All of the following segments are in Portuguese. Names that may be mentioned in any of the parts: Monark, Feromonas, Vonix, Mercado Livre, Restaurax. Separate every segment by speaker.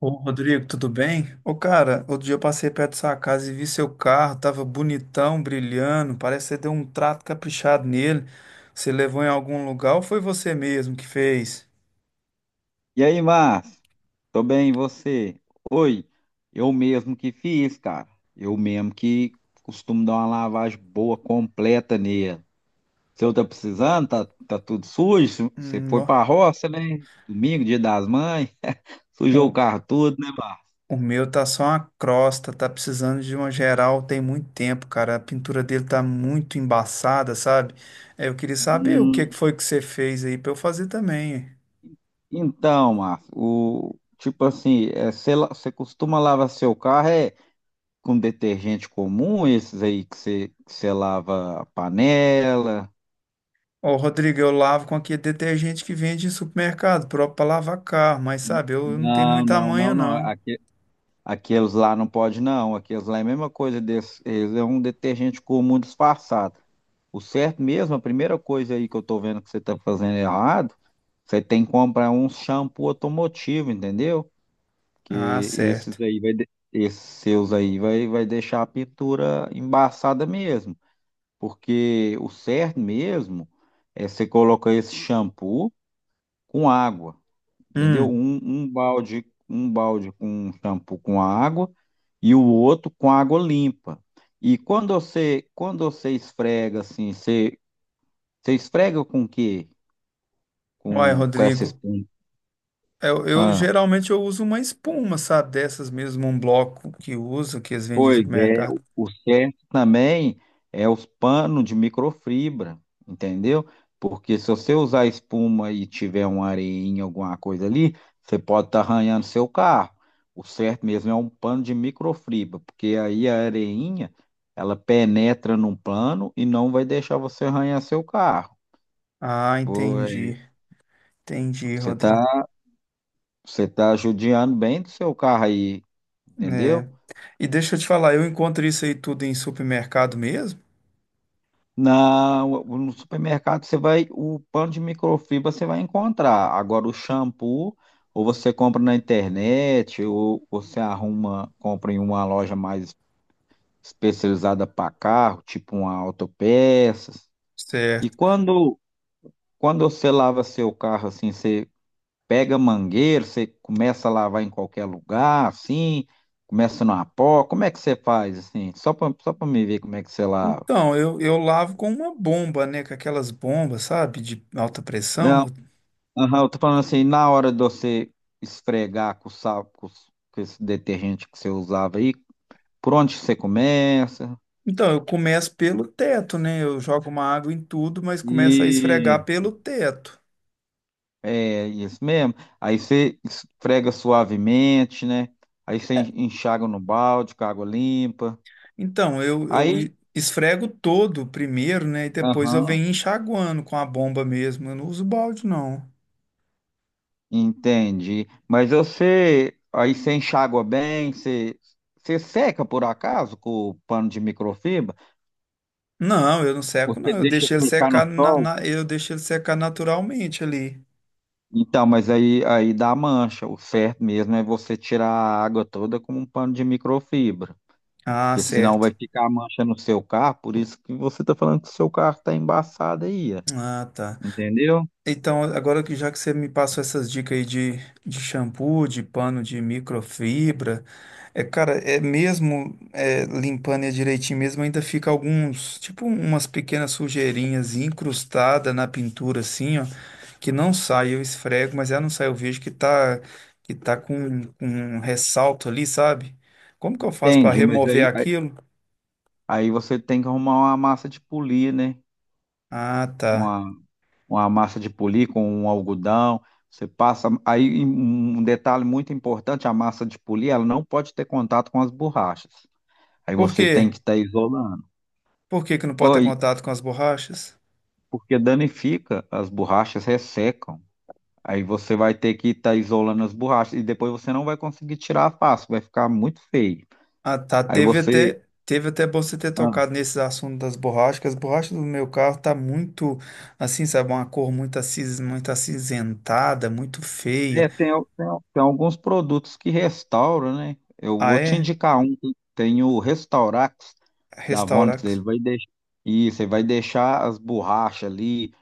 Speaker 1: Ô, Rodrigo, tudo bem? Ô, cara, outro dia eu passei perto da sua casa e vi seu carro, tava bonitão, brilhando, parece que você deu um trato caprichado nele. Você levou em algum lugar ou foi você mesmo que fez?
Speaker 2: E aí, Márcio? Tô bem, e você? Oi, eu mesmo que fiz, cara. Eu mesmo que costumo dar uma lavagem boa, completa nele. Se eu tá precisando, tá tudo sujo. Você
Speaker 1: Hum,
Speaker 2: foi pra
Speaker 1: nó-
Speaker 2: roça, né? Domingo, dia das mães. Sujou o
Speaker 1: o,
Speaker 2: carro tudo, né, Márcio?
Speaker 1: o meu tá só uma crosta, tá precisando de uma geral tem muito tempo, cara. A pintura dele tá muito embaçada, sabe? É, eu queria saber o que que
Speaker 2: Hum,
Speaker 1: foi que você fez aí pra eu fazer também.
Speaker 2: então, Márcio, tipo assim, você, você costuma lavar seu carro é com detergente comum, esses aí que você lava a panela?
Speaker 1: Ó, Rodrigo, eu lavo com aquele detergente que vende em supermercado, próprio para lavar carro, mas sabe, eu não tenho
Speaker 2: Não,
Speaker 1: muita
Speaker 2: não,
Speaker 1: manha,
Speaker 2: não, não.
Speaker 1: não.
Speaker 2: Aqueles lá não pode, não. Aqueles lá é a mesma coisa desse. Eles é um detergente comum disfarçado. O certo mesmo, a primeira coisa aí que eu tô vendo que você tá fazendo errado, você tem que comprar um shampoo automotivo, entendeu?
Speaker 1: Ah,
Speaker 2: Que
Speaker 1: certo.
Speaker 2: esses aí vai, esses seus aí vai, vai deixar a pintura embaçada mesmo. Porque o certo mesmo é você colocar esse shampoo com água, entendeu?
Speaker 1: Hum,
Speaker 2: Um balde, um balde com um shampoo com água e o outro com água limpa. E quando você esfrega assim, você, você esfrega com o quê?
Speaker 1: Olha,
Speaker 2: Com essa
Speaker 1: Rodrigo,
Speaker 2: espuma?
Speaker 1: eu
Speaker 2: Ah.
Speaker 1: geralmente eu uso uma espuma, sabe, dessas mesmo, um bloco que uso, que eles vendem em
Speaker 2: Pois é, o
Speaker 1: supermercado.
Speaker 2: o certo também é os panos de microfibra, entendeu? Porque se você usar espuma e tiver uma areinha, alguma coisa ali, você pode estar arranhando seu carro. O certo mesmo é um pano de microfibra, porque aí a areinha, ela penetra num pano e não vai deixar você arranhar seu carro.
Speaker 1: Ah,
Speaker 2: Boa.
Speaker 1: entendi, entendi,
Speaker 2: Você
Speaker 1: Rodrigo.
Speaker 2: tá, você tá judiando bem do seu carro aí, entendeu?
Speaker 1: É. E deixa eu te falar, eu encontro isso aí tudo em supermercado mesmo?
Speaker 2: No supermercado você vai, o pano de microfibra você vai encontrar. Agora o shampoo, ou você compra na internet, ou você arruma, compra em uma loja mais especializada para carro, tipo uma Autopeças. E
Speaker 1: Certo.
Speaker 2: quando, quando você lava seu carro assim, você pega mangueira, você começa a lavar em qualquer lugar, assim, começa numa pó, como é que você faz assim? Só para me ver como é que você lava.
Speaker 1: Então, eu lavo com uma bomba, né? Com aquelas bombas, sabe? De alta pressão.
Speaker 2: Não.
Speaker 1: Eu.
Speaker 2: Aham, eu tô falando assim, na hora de você esfregar com o sal, com esse detergente que você usava aí, por onde você começa?
Speaker 1: Então, eu começo pelo teto, né? Eu jogo uma água em tudo, mas começo a
Speaker 2: E
Speaker 1: esfregar pelo teto.
Speaker 2: é isso mesmo. Aí você esfrega suavemente, né? Aí você enxaga no balde com água limpa.
Speaker 1: Então, eu,
Speaker 2: Aí,
Speaker 1: eu esfrego todo primeiro, né? E depois eu
Speaker 2: aham,
Speaker 1: venho enxaguando com a bomba mesmo. Eu não uso balde, não.
Speaker 2: entendi. Mas você, aí você enxágua bem, você, você seca por acaso com o pano de microfibra?
Speaker 1: Não, eu não seco,
Speaker 2: Você
Speaker 1: não. Eu
Speaker 2: deixa
Speaker 1: deixo ele
Speaker 2: ficar no
Speaker 1: secar
Speaker 2: sol?
Speaker 1: eu deixo ele secar naturalmente ali.
Speaker 2: Então, mas aí, aí dá mancha. O certo mesmo é você tirar a água toda com um pano de microfibra,
Speaker 1: Ah,
Speaker 2: porque senão
Speaker 1: certo.
Speaker 2: vai ficar a mancha no seu carro. Por isso que você está falando que o seu carro está embaçado aí, ó,
Speaker 1: Ah, tá.
Speaker 2: entendeu?
Speaker 1: Então, agora que já que você me passou essas dicas aí de shampoo, de pano de microfibra, é, cara, é mesmo é, limpando ele direitinho mesmo, ainda fica alguns, tipo umas pequenas sujeirinhas incrustadas na pintura assim, ó, que não sai, eu esfrego, mas ela não sai, eu vejo que tá com um ressalto ali, sabe? Como que eu faço para
Speaker 2: Entendi, mas
Speaker 1: remover
Speaker 2: aí, aí,
Speaker 1: aquilo?
Speaker 2: aí você tem que arrumar uma massa de polir, né?
Speaker 1: Ah, tá.
Speaker 2: Uma, uma massa de polir com um algodão. Você passa. Aí um um detalhe muito importante: a massa de polir, ela não pode ter contato com as borrachas. Aí
Speaker 1: Por
Speaker 2: você tem que
Speaker 1: quê?
Speaker 2: estar isolando.
Speaker 1: Por que que não pode ter
Speaker 2: Oi,
Speaker 1: contato com as borrachas?
Speaker 2: Porque danifica, as borrachas ressecam. Aí você vai ter que estar isolando as borrachas e depois você não vai conseguir tirar fácil, vai ficar muito feio.
Speaker 1: Ah, tá.
Speaker 2: Aí você.
Speaker 1: Teve até bom você ter
Speaker 2: Ah,
Speaker 1: tocado nesse assunto das borrachas. Que as borrachas do meu carro tá muito, assim, sabe, uma cor muito, acis, muito acinzentada, muito feia.
Speaker 2: é, tem alguns produtos que restauram, né? Eu
Speaker 1: Ah,
Speaker 2: vou te
Speaker 1: é?
Speaker 2: indicar um que tem o Restaurax da Vonix,
Speaker 1: Restaurar.
Speaker 2: ele vai deixar. Isso, ele vai deixar as borrachas ali,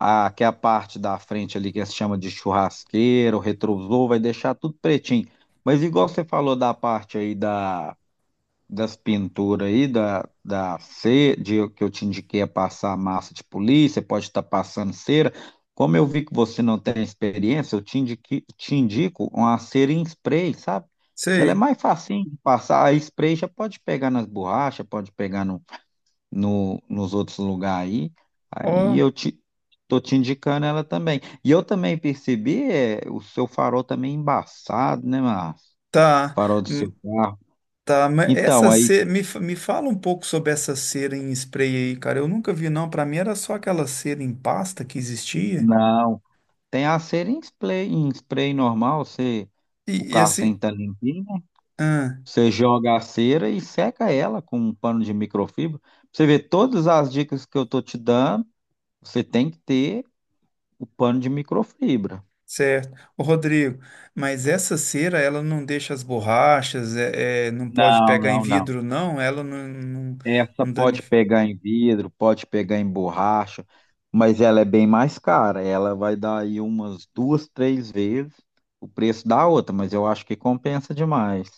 Speaker 2: a, que é a parte da frente ali que se chama de churrasqueira, o retrovisor, vai deixar tudo pretinho. Mas igual você falou da parte aí da das pinturas aí, da cera, de, que eu te indiquei a passar massa de polir você pode estar passando cera. Como eu vi que você não tem experiência, te indico uma cera em spray, sabe? Que ela é
Speaker 1: Sei.
Speaker 2: mais facinho de passar. A spray já pode pegar nas borrachas, pode pegar no, nos outros lugares aí.
Speaker 1: Ó,
Speaker 2: Aí eu te, tô te indicando ela também. E eu também percebi, é, o seu farol também embaçado, né, Márcio?
Speaker 1: tá.
Speaker 2: Farol do
Speaker 1: Hum.
Speaker 2: seu carro.
Speaker 1: Tá, mas
Speaker 2: Então,
Speaker 1: essa
Speaker 2: aí.
Speaker 1: cera, me fala um pouco sobre essa cera em spray aí, cara. Eu nunca vi, não. Pra mim era só aquela cera em pasta que existia.
Speaker 2: Não. Tem a cera em spray normal, você, o
Speaker 1: E
Speaker 2: carro tem
Speaker 1: assim,
Speaker 2: que estar limpinho, né? Você joga a cera e seca ela com um pano de microfibra. Pra você vê todas as dicas que eu tô te dando, você tem que ter o pano de microfibra.
Speaker 1: certo. Ô, Rodrigo, mas essa cera, ela não deixa as borrachas, não pode
Speaker 2: Não,
Speaker 1: pegar em
Speaker 2: não, não.
Speaker 1: vidro, não? Ela
Speaker 2: Essa
Speaker 1: não
Speaker 2: pode
Speaker 1: danifica.
Speaker 2: pegar em vidro, pode pegar em borracha, mas ela é bem mais cara. Ela vai dar aí umas duas, três vezes o preço da outra, mas eu acho que compensa demais.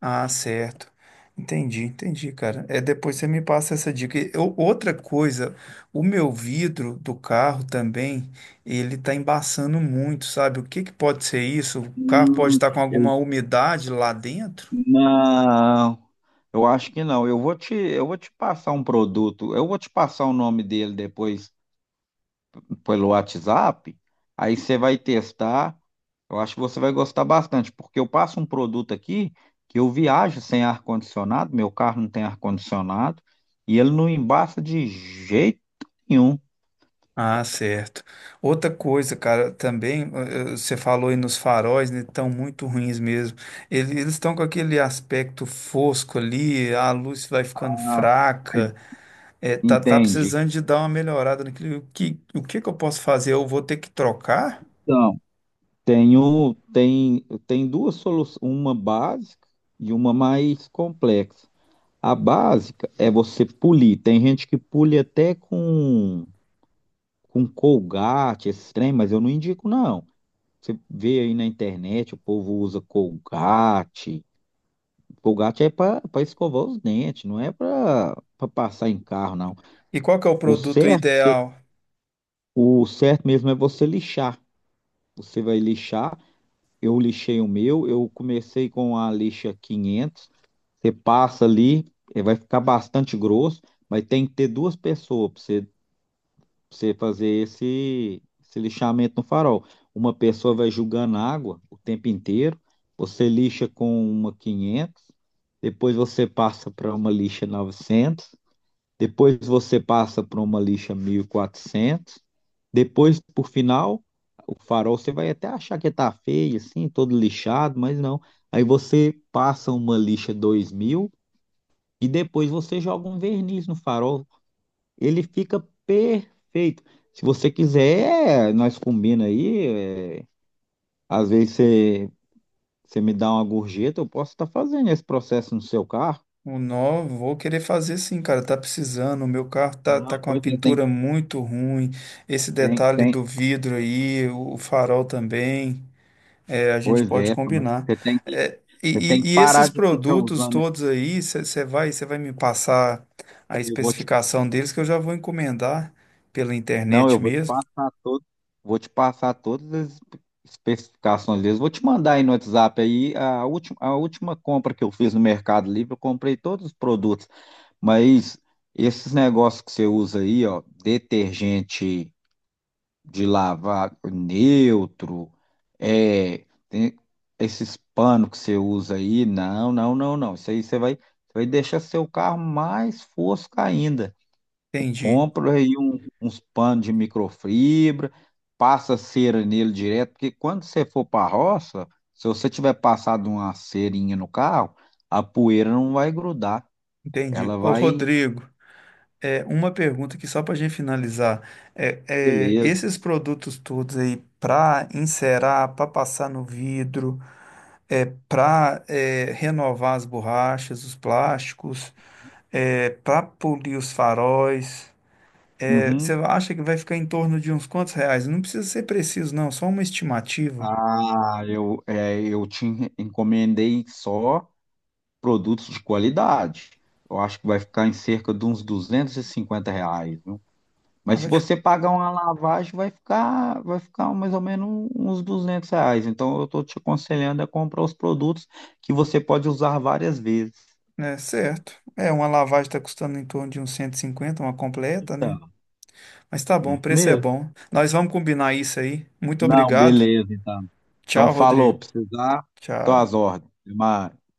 Speaker 1: Ah, certo. Entendi, entendi, cara. É, depois você me passa essa dica. E eu- outra coisa, o meu vidro do carro também, ele tá embaçando muito, sabe? O que que pode ser isso? O carro pode
Speaker 2: Hum,
Speaker 1: estar com
Speaker 2: eu
Speaker 1: alguma umidade lá dentro?
Speaker 2: não. Eu acho que não. Eu vou te passar um produto. Eu vou te passar o nome dele depois pelo WhatsApp. Aí você vai testar. Eu acho que você vai gostar bastante, porque eu passo um produto aqui que eu viajo sem ar-condicionado, meu carro não tem ar-condicionado, e ele não embaça de jeito nenhum.
Speaker 1: Ah, certo. Outra coisa, cara, também, você falou aí nos faróis, né, estão muito ruins mesmo. Ele- Eles estão com aquele aspecto fosco ali, a luz vai ficando
Speaker 2: Aí,
Speaker 1: fraca, tá, tá
Speaker 2: Entende?
Speaker 1: precisando de dar uma melhorada naquilo. O que que eu posso fazer? Eu vou ter que trocar?
Speaker 2: Então, tem duas soluções, uma básica e uma mais complexa. A básica é você polir. Tem gente que pule até com Colgate, esses trem, mas eu não indico, não. Você vê aí na internet, o povo usa Colgate. Colgate é para escovar os dentes, não é para passar em carro, não.
Speaker 1: E qual que é o
Speaker 2: O
Speaker 1: produto
Speaker 2: certo, se-
Speaker 1: ideal?
Speaker 2: o certo mesmo é você lixar. Você vai lixar. Eu lixei o meu, eu comecei com a lixa 500. Você passa ali, eh, vai ficar bastante grosso, mas tem que ter duas pessoas para você você fazer esse, esse lixamento no farol. Uma pessoa vai julgando água o tempo inteiro, você lixa com uma 500, depois você passa para uma lixa 900, depois você passa para uma lixa 1400, depois, por final, o farol você vai até achar que tá feio, assim, todo lixado, mas não. Aí você passa uma lixa 2000 e depois você joga um verniz no farol. Ele fica perfeito. Se você quiser, nós combina aí. É, às vezes você, você me dá uma gorjeta, eu posso estar fazendo esse processo no seu carro.
Speaker 1: O novo, vou querer fazer sim, cara, tá precisando. O meu carro tá, tá
Speaker 2: Não,
Speaker 1: com a
Speaker 2: pois é,
Speaker 1: pintura muito ruim, esse detalhe
Speaker 2: tem.
Speaker 1: do vidro aí, o farol também. É, a gente
Speaker 2: Pois
Speaker 1: pode
Speaker 2: é, mas
Speaker 1: combinar. É, e,
Speaker 2: você tem que
Speaker 1: e
Speaker 2: parar
Speaker 1: esses
Speaker 2: de ficar
Speaker 1: produtos
Speaker 2: usando.
Speaker 1: todos aí, você vai me passar a
Speaker 2: Eu vou te
Speaker 1: especificação deles que eu já vou encomendar pela
Speaker 2: Não, eu
Speaker 1: internet
Speaker 2: vou te
Speaker 1: mesmo.
Speaker 2: passar todo, vou te passar todas as especificações deles. Vou te mandar aí no WhatsApp aí a última compra que eu fiz no Mercado Livre, eu comprei todos os produtos, mas esses negócios que você usa aí, ó, detergente de lavar neutro, é, tem esses panos que você usa aí, não, não, não, não. Isso aí você vai deixar seu carro mais fosco ainda.
Speaker 1: Entendi,
Speaker 2: Compra aí uns panos de microfibra, passa cera nele direto, porque quando você for para a roça, se você tiver passado uma cerinha no carro, a poeira não vai grudar,
Speaker 1: entendi.
Speaker 2: ela
Speaker 1: Ô,
Speaker 2: vai.
Speaker 1: Rodrigo, é, uma pergunta aqui só para a gente finalizar. É,
Speaker 2: Beleza.
Speaker 1: esses produtos todos aí para encerar, para passar no vidro, é, para renovar as borrachas, os plásticos, é, para polir os faróis. É, você
Speaker 2: Uhum.
Speaker 1: acha que vai ficar em torno de uns quantos reais? Não precisa ser preciso, não, só uma estimativa.
Speaker 2: Ah, eu, é, eu te encomendei só produtos de qualidade. Eu acho que vai ficar em cerca de uns R$ 250.
Speaker 1: Ah,
Speaker 2: Mas se
Speaker 1: vai ficar,
Speaker 2: você pagar uma lavagem, vai ficar mais ou menos uns R$ 200. Então, eu estou te aconselhando a comprar os produtos que você pode usar várias vezes.
Speaker 1: é, certo. É, uma lavagem está custando em torno de uns 150, uma completa, né?
Speaker 2: Tá.
Speaker 1: Mas tá bom, o
Speaker 2: Isso
Speaker 1: preço é
Speaker 2: mesmo.
Speaker 1: bom. Nós vamos combinar isso aí. Muito
Speaker 2: Não,
Speaker 1: obrigado.
Speaker 2: beleza, então. Então,
Speaker 1: Tchau,
Speaker 2: falou,
Speaker 1: Rodrigo.
Speaker 2: precisar, tô às
Speaker 1: Tchau.
Speaker 2: ordens. Até mais.